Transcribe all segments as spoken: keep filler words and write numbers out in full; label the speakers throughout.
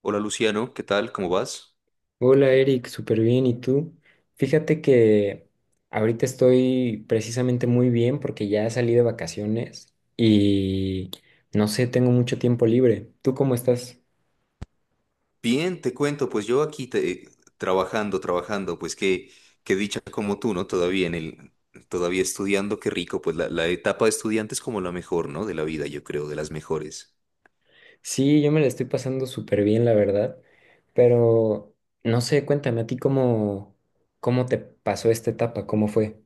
Speaker 1: Hola Luciano, ¿qué tal? ¿Cómo vas?
Speaker 2: Hola Eric, súper bien. ¿Y tú? Fíjate que ahorita estoy precisamente muy bien porque ya salí de vacaciones y no sé, tengo mucho tiempo libre. ¿Tú cómo estás?
Speaker 1: Bien, te cuento, pues yo aquí te- trabajando, trabajando, pues qué, qué dicha como tú, ¿no? Todavía en el, todavía estudiando, qué rico, pues la, la etapa de estudiante es como la mejor, ¿no? De la vida, yo creo, de las mejores.
Speaker 2: Sí, yo me la estoy pasando súper bien, la verdad. Pero no sé, cuéntame a ti cómo, cómo te pasó esta etapa, cómo fue.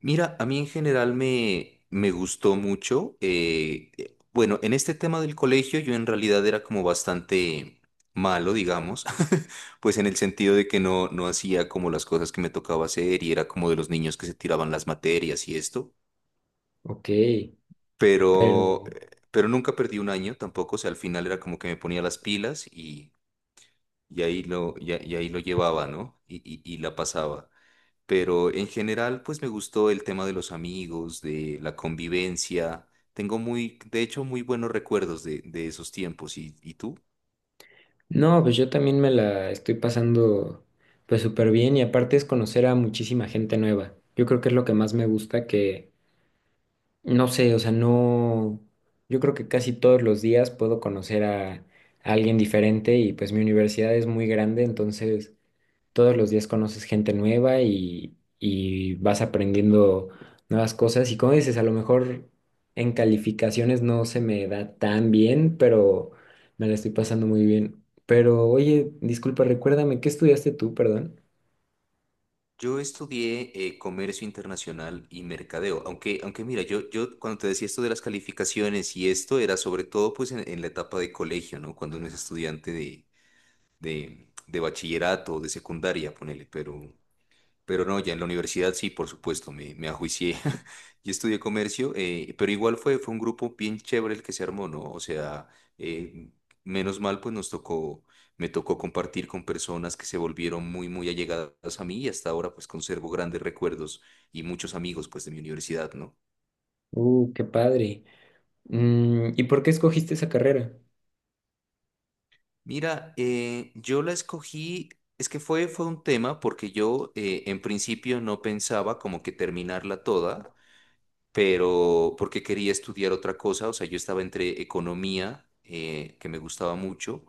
Speaker 1: Mira, a mí en general me, me gustó mucho. Eh, eh, bueno, en este tema del colegio yo en realidad era como bastante malo, digamos, pues en el sentido de que no, no hacía como las cosas que me tocaba hacer y era como de los niños que se tiraban las materias y esto.
Speaker 2: Ok,
Speaker 1: pero,
Speaker 2: pero
Speaker 1: pero nunca perdí un año tampoco, o sea, al final era como que me ponía las pilas y, y ahí lo, y, a- y ahí lo llevaba, ¿no? Y, y, y la pasaba. Pero en general, pues me gustó el tema de los amigos, de la convivencia. Tengo muy, de hecho, muy buenos recuerdos de, de esos tiempos. ¿Y, y tú?
Speaker 2: No, pues yo también me la estoy pasando pues súper bien y aparte es conocer a muchísima gente nueva. Yo creo que es lo que más me gusta que, no sé, o sea, no, yo creo que casi todos los días puedo conocer a, a alguien diferente y pues mi universidad es muy grande, entonces todos los días conoces gente nueva y, y vas aprendiendo nuevas cosas. Y como dices, a lo mejor en calificaciones no se me da tan bien, pero me la estoy pasando muy bien. Pero oye, disculpa, recuérdame, ¿qué estudiaste tú, perdón?
Speaker 1: Yo estudié eh, comercio internacional y mercadeo, aunque, aunque mira, yo, yo cuando te decía esto de las calificaciones y esto era sobre todo pues en, en la etapa de colegio, ¿no? Cuando uno es estudiante de, de bachillerato, de secundaria, ponele, pero, pero no, ya en la universidad sí, por supuesto, me, me ajuicié. Y estudié comercio, eh, pero igual fue, fue un grupo bien chévere el que se armó, ¿no? O sea, eh, menos mal, pues nos tocó, me tocó compartir con personas que se volvieron muy, muy allegadas a mí y hasta ahora, pues conservo grandes recuerdos y muchos amigos, pues, de mi universidad, ¿no?
Speaker 2: Uh, qué padre. Mm, ¿y por qué escogiste esa carrera?
Speaker 1: Mira, eh, yo la escogí, es que fue, fue un tema porque yo eh, en principio no pensaba como que terminarla toda, pero porque quería estudiar otra cosa, o sea, yo estaba entre economía, eh, que me gustaba mucho,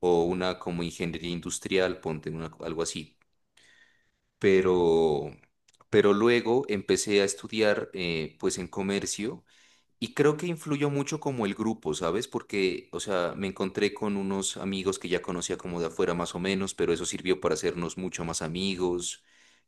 Speaker 1: o una como ingeniería industrial, ponte una, algo así, pero, pero luego empecé a estudiar eh, pues en comercio. Y creo que influyó mucho como el grupo, ¿sabes? Porque, o sea, me encontré con unos amigos que ya conocía como de afuera más o menos, pero eso sirvió para hacernos mucho más amigos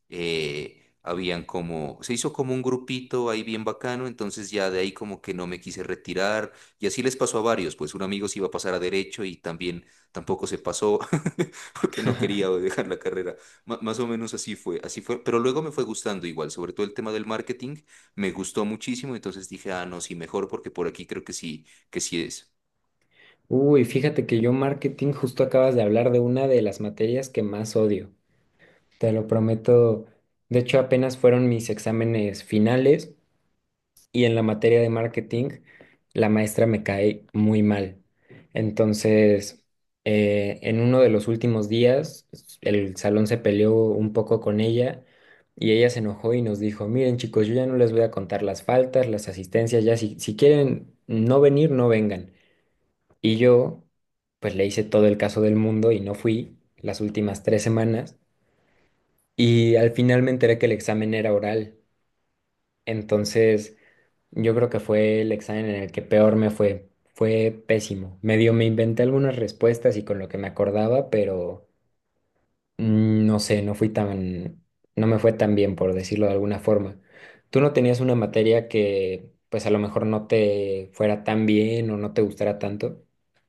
Speaker 1: eh, habían como, se hizo como un grupito ahí bien bacano, entonces ya de ahí como que no me quise retirar y así les pasó a varios, pues un amigo se iba a pasar a derecho y también tampoco se pasó porque no quería dejar la carrera. Ma- más o menos así fue, así fue, pero luego me fue gustando igual, sobre todo el tema del marketing, me gustó muchísimo, entonces dije, ah, no, sí, mejor porque por aquí creo que sí, que sí es.
Speaker 2: Uy, fíjate que yo marketing justo acabas de hablar de una de las materias que más odio. Te lo prometo. De hecho, apenas fueron mis exámenes finales y en la materia de marketing la maestra me cae muy mal. Entonces, eh, en uno de los últimos días, el salón se peleó un poco con ella y ella se enojó y nos dijo, miren chicos, yo ya no les voy a contar las faltas, las asistencias, ya si, si, quieren no venir, no vengan. Y yo, pues le hice todo el caso del mundo y no fui las últimas tres semanas y al final me enteré que el examen era oral. Entonces... Yo creo que fue el examen en el que peor me fue. Fue pésimo. Medio me inventé algunas respuestas y con lo que me acordaba, pero mm, no sé, no fui tan, no me fue tan bien, por decirlo de alguna forma. ¿Tú no tenías una materia que, pues a lo mejor no te fuera tan bien o no te gustara tanto?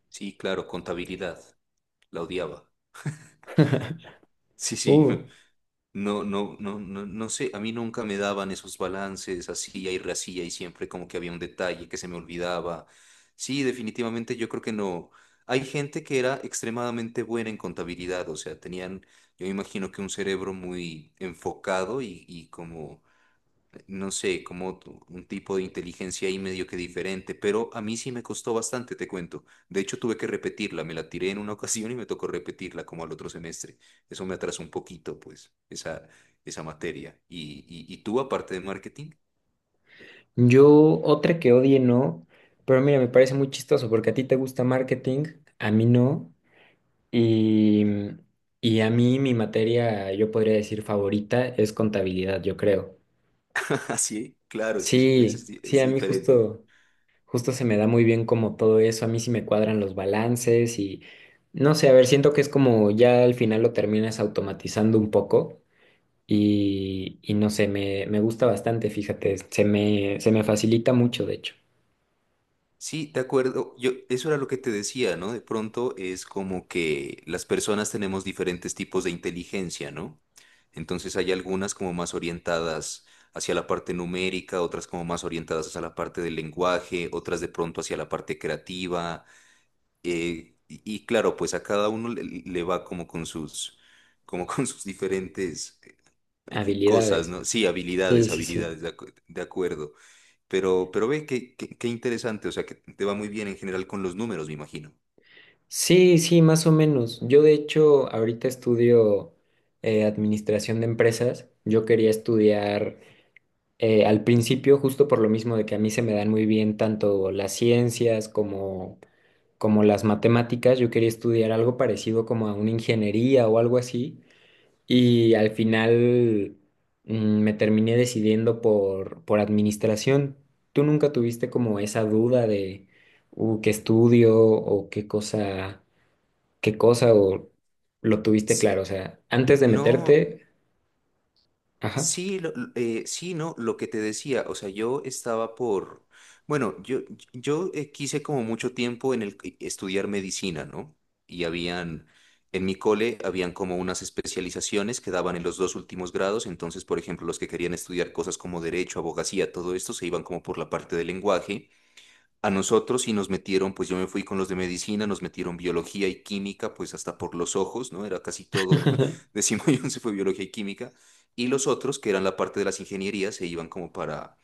Speaker 1: Sí, claro, contabilidad, la odiaba. Sí, sí.
Speaker 2: Uh,
Speaker 1: No, no, no, no, no sé, a mí nunca me daban esos balances así y racía y siempre como que había un detalle que se me olvidaba. Sí, definitivamente yo creo que no. Hay gente que era extremadamente buena en contabilidad, o sea, tenían, yo me imagino que un cerebro muy enfocado y, y como no sé, como tu- un tipo de inteligencia ahí medio que diferente, pero a mí sí me costó bastante, te cuento. De hecho, tuve que repetirla, me la tiré en una ocasión y me tocó repetirla como al otro semestre. Eso me atrasó un poquito, pues, esa, esa materia. Y, y, y tú, aparte de marketing,
Speaker 2: yo otra que odie no, pero mira, me parece muy chistoso porque a ti te gusta marketing, a mí no. Y, y a mí mi materia, yo podría decir favorita, es contabilidad, yo creo.
Speaker 1: así, claro, es que es, es
Speaker 2: Sí,
Speaker 1: di-
Speaker 2: sí,
Speaker 1: es
Speaker 2: a mí
Speaker 1: diferente.
Speaker 2: justo, justo, se me da muy bien como todo eso, a mí sí me cuadran los balances y no sé, a ver, siento que es como ya al final lo terminas automatizando un poco y, y no sé, me, me, gusta bastante, fíjate, se me, se me facilita mucho, de hecho,
Speaker 1: Sí, de acuerdo. Yo, eso era lo que te decía, ¿no? De pronto es como que las personas tenemos diferentes tipos de inteligencia, ¿no? Entonces hay algunas como más orientadas hacia la parte numérica, otras como más orientadas hacia la parte del lenguaje, otras de pronto hacia la parte creativa. eh, y, y claro, pues a cada uno le, le va como con sus, como con sus diferentes eh, que- cosas,
Speaker 2: habilidades.
Speaker 1: ¿no? Sí,
Speaker 2: Sí,
Speaker 1: habilidades,
Speaker 2: sí, sí.
Speaker 1: habilidades, de, acu- de acuerdo. Pero, pero ve qué, qué, qué interesante, o sea, que te va muy bien en general con los números, me imagino.
Speaker 2: Sí, sí, más o menos. Yo de hecho ahorita estudio eh, administración de empresas. Yo quería estudiar eh, al principio justo por lo mismo de que a mí se me dan muy bien tanto las ciencias como, como, las matemáticas. Yo quería estudiar algo parecido como a una ingeniería o algo así. Y al final mm, me terminé decidiendo por, por administración. ¿Tú nunca tuviste como esa duda de uh, qué estudio o qué cosa? ¿Qué cosa o lo tuviste
Speaker 1: S-
Speaker 2: claro? O sea, antes de
Speaker 1: No.
Speaker 2: meterte, ajá.
Speaker 1: Sí, lo- lo- eh, sí, no, lo que te decía, o sea, yo estaba por, bueno, yo, yo eh, quise como mucho tiempo en el que- estudiar medicina, ¿no? Y habían, en mi cole, habían como unas especializaciones que daban en los dos últimos grados, entonces, por ejemplo, los que querían estudiar cosas como derecho, abogacía, todo esto, se iban como por la parte del lenguaje a nosotros y nos metieron, pues yo me fui con los de medicina, nos metieron biología y química, pues hasta por los ojos, ¿no? Era casi todo, décimo y once fue biología y química, y los otros, que eran la parte de las ingenierías, se iban como para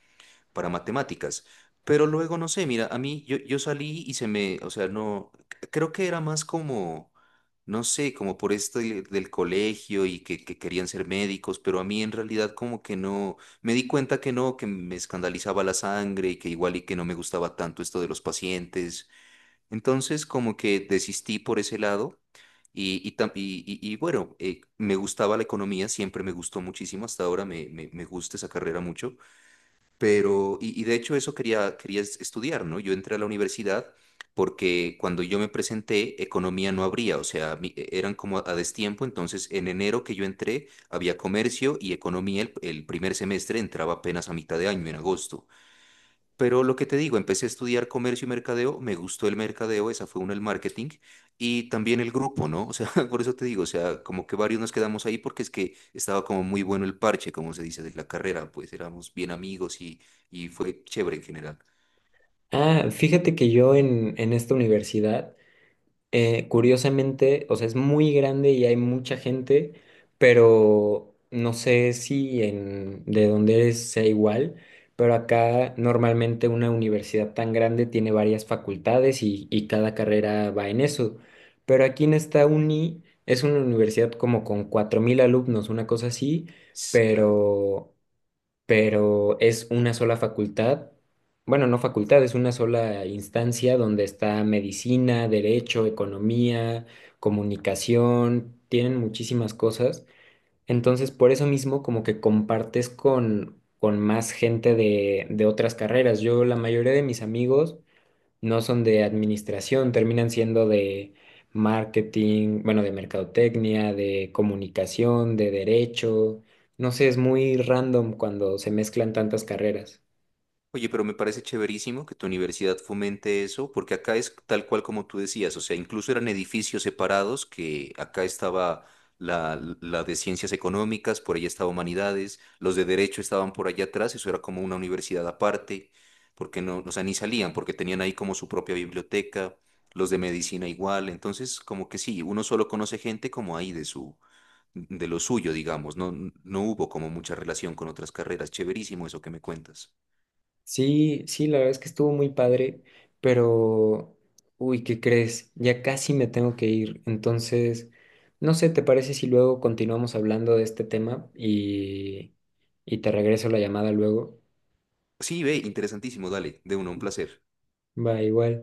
Speaker 1: para matemáticas. Pero luego, no sé, mira, a mí yo, yo salí y se me, o sea, no, c- creo que era más como, no sé, como por esto de- del colegio y que, que querían ser médicos, pero a mí en realidad como que no, me di cuenta que no, que me escandalizaba la sangre y que igual y que no me gustaba tanto esto de los pacientes. Entonces como que desistí por ese lado. Y, y, tam- y- y- y bueno, eh, me gustaba la economía, siempre me gustó muchísimo, hasta ahora me, me, me gusta esa carrera mucho, pero, y, y de hecho eso quería, quería es- estudiar, ¿no? Yo entré a la universidad porque cuando yo me presenté, economía no habría, o sea, mi- e- eran como a destiempo, entonces en enero que yo entré, había comercio y economía el, el primer semestre entraba apenas a mitad de año, en agosto. Pero lo que te digo, empecé a estudiar comercio y mercadeo, me gustó el mercadeo, esa fue una, el marketing, y también el grupo, ¿no? O sea, por eso te digo, o sea, como que varios nos quedamos ahí porque es que estaba como muy bueno el parche, como se dice, de la carrera, pues éramos bien amigos y, y fue chévere en general.
Speaker 2: Ah, fíjate que yo en, en esta universidad eh, curiosamente, o sea, es muy grande y hay mucha gente, pero no sé si en, de donde eres sea igual, pero acá normalmente una universidad tan grande tiene varias facultades y, y cada carrera va en eso. Pero aquí en esta uni es una universidad como con cuatro mil alumnos, una cosa así,
Speaker 1: S- Claro.
Speaker 2: pero pero es una sola facultad, bueno, no facultad, es una sola instancia donde está medicina, derecho, economía, comunicación, tienen muchísimas cosas. Entonces, por eso mismo, como que compartes con, con, más gente de, de otras carreras. Yo, la mayoría de mis amigos, no son de administración, terminan siendo de marketing, bueno, de mercadotecnia, de comunicación, de derecho. No sé, es muy random cuando se mezclan tantas carreras.
Speaker 1: Oye, pero me parece chéverísimo que tu universidad fomente eso, porque acá es tal cual como tú decías, o sea, incluso eran edificios separados, que acá estaba la, la de ciencias económicas, por allá estaba humanidades, los de derecho estaban por allá atrás, eso era como una universidad aparte, porque no, o sea, ni salían, porque tenían ahí como su propia biblioteca, los de medicina igual, entonces como que sí, uno solo conoce gente como ahí de su, de lo suyo, digamos, no, no hubo como mucha relación con otras carreras, chéverísimo eso que me cuentas.
Speaker 2: Sí, sí, la verdad es que estuvo muy padre, pero, uy, ¿qué crees? Ya casi me tengo que ir. Entonces, no sé, ¿te parece si luego continuamos hablando de este tema y, y te regreso la llamada luego?
Speaker 1: Sí, ve, interesantísimo, dale, de uno, un placer.
Speaker 2: Va, igual.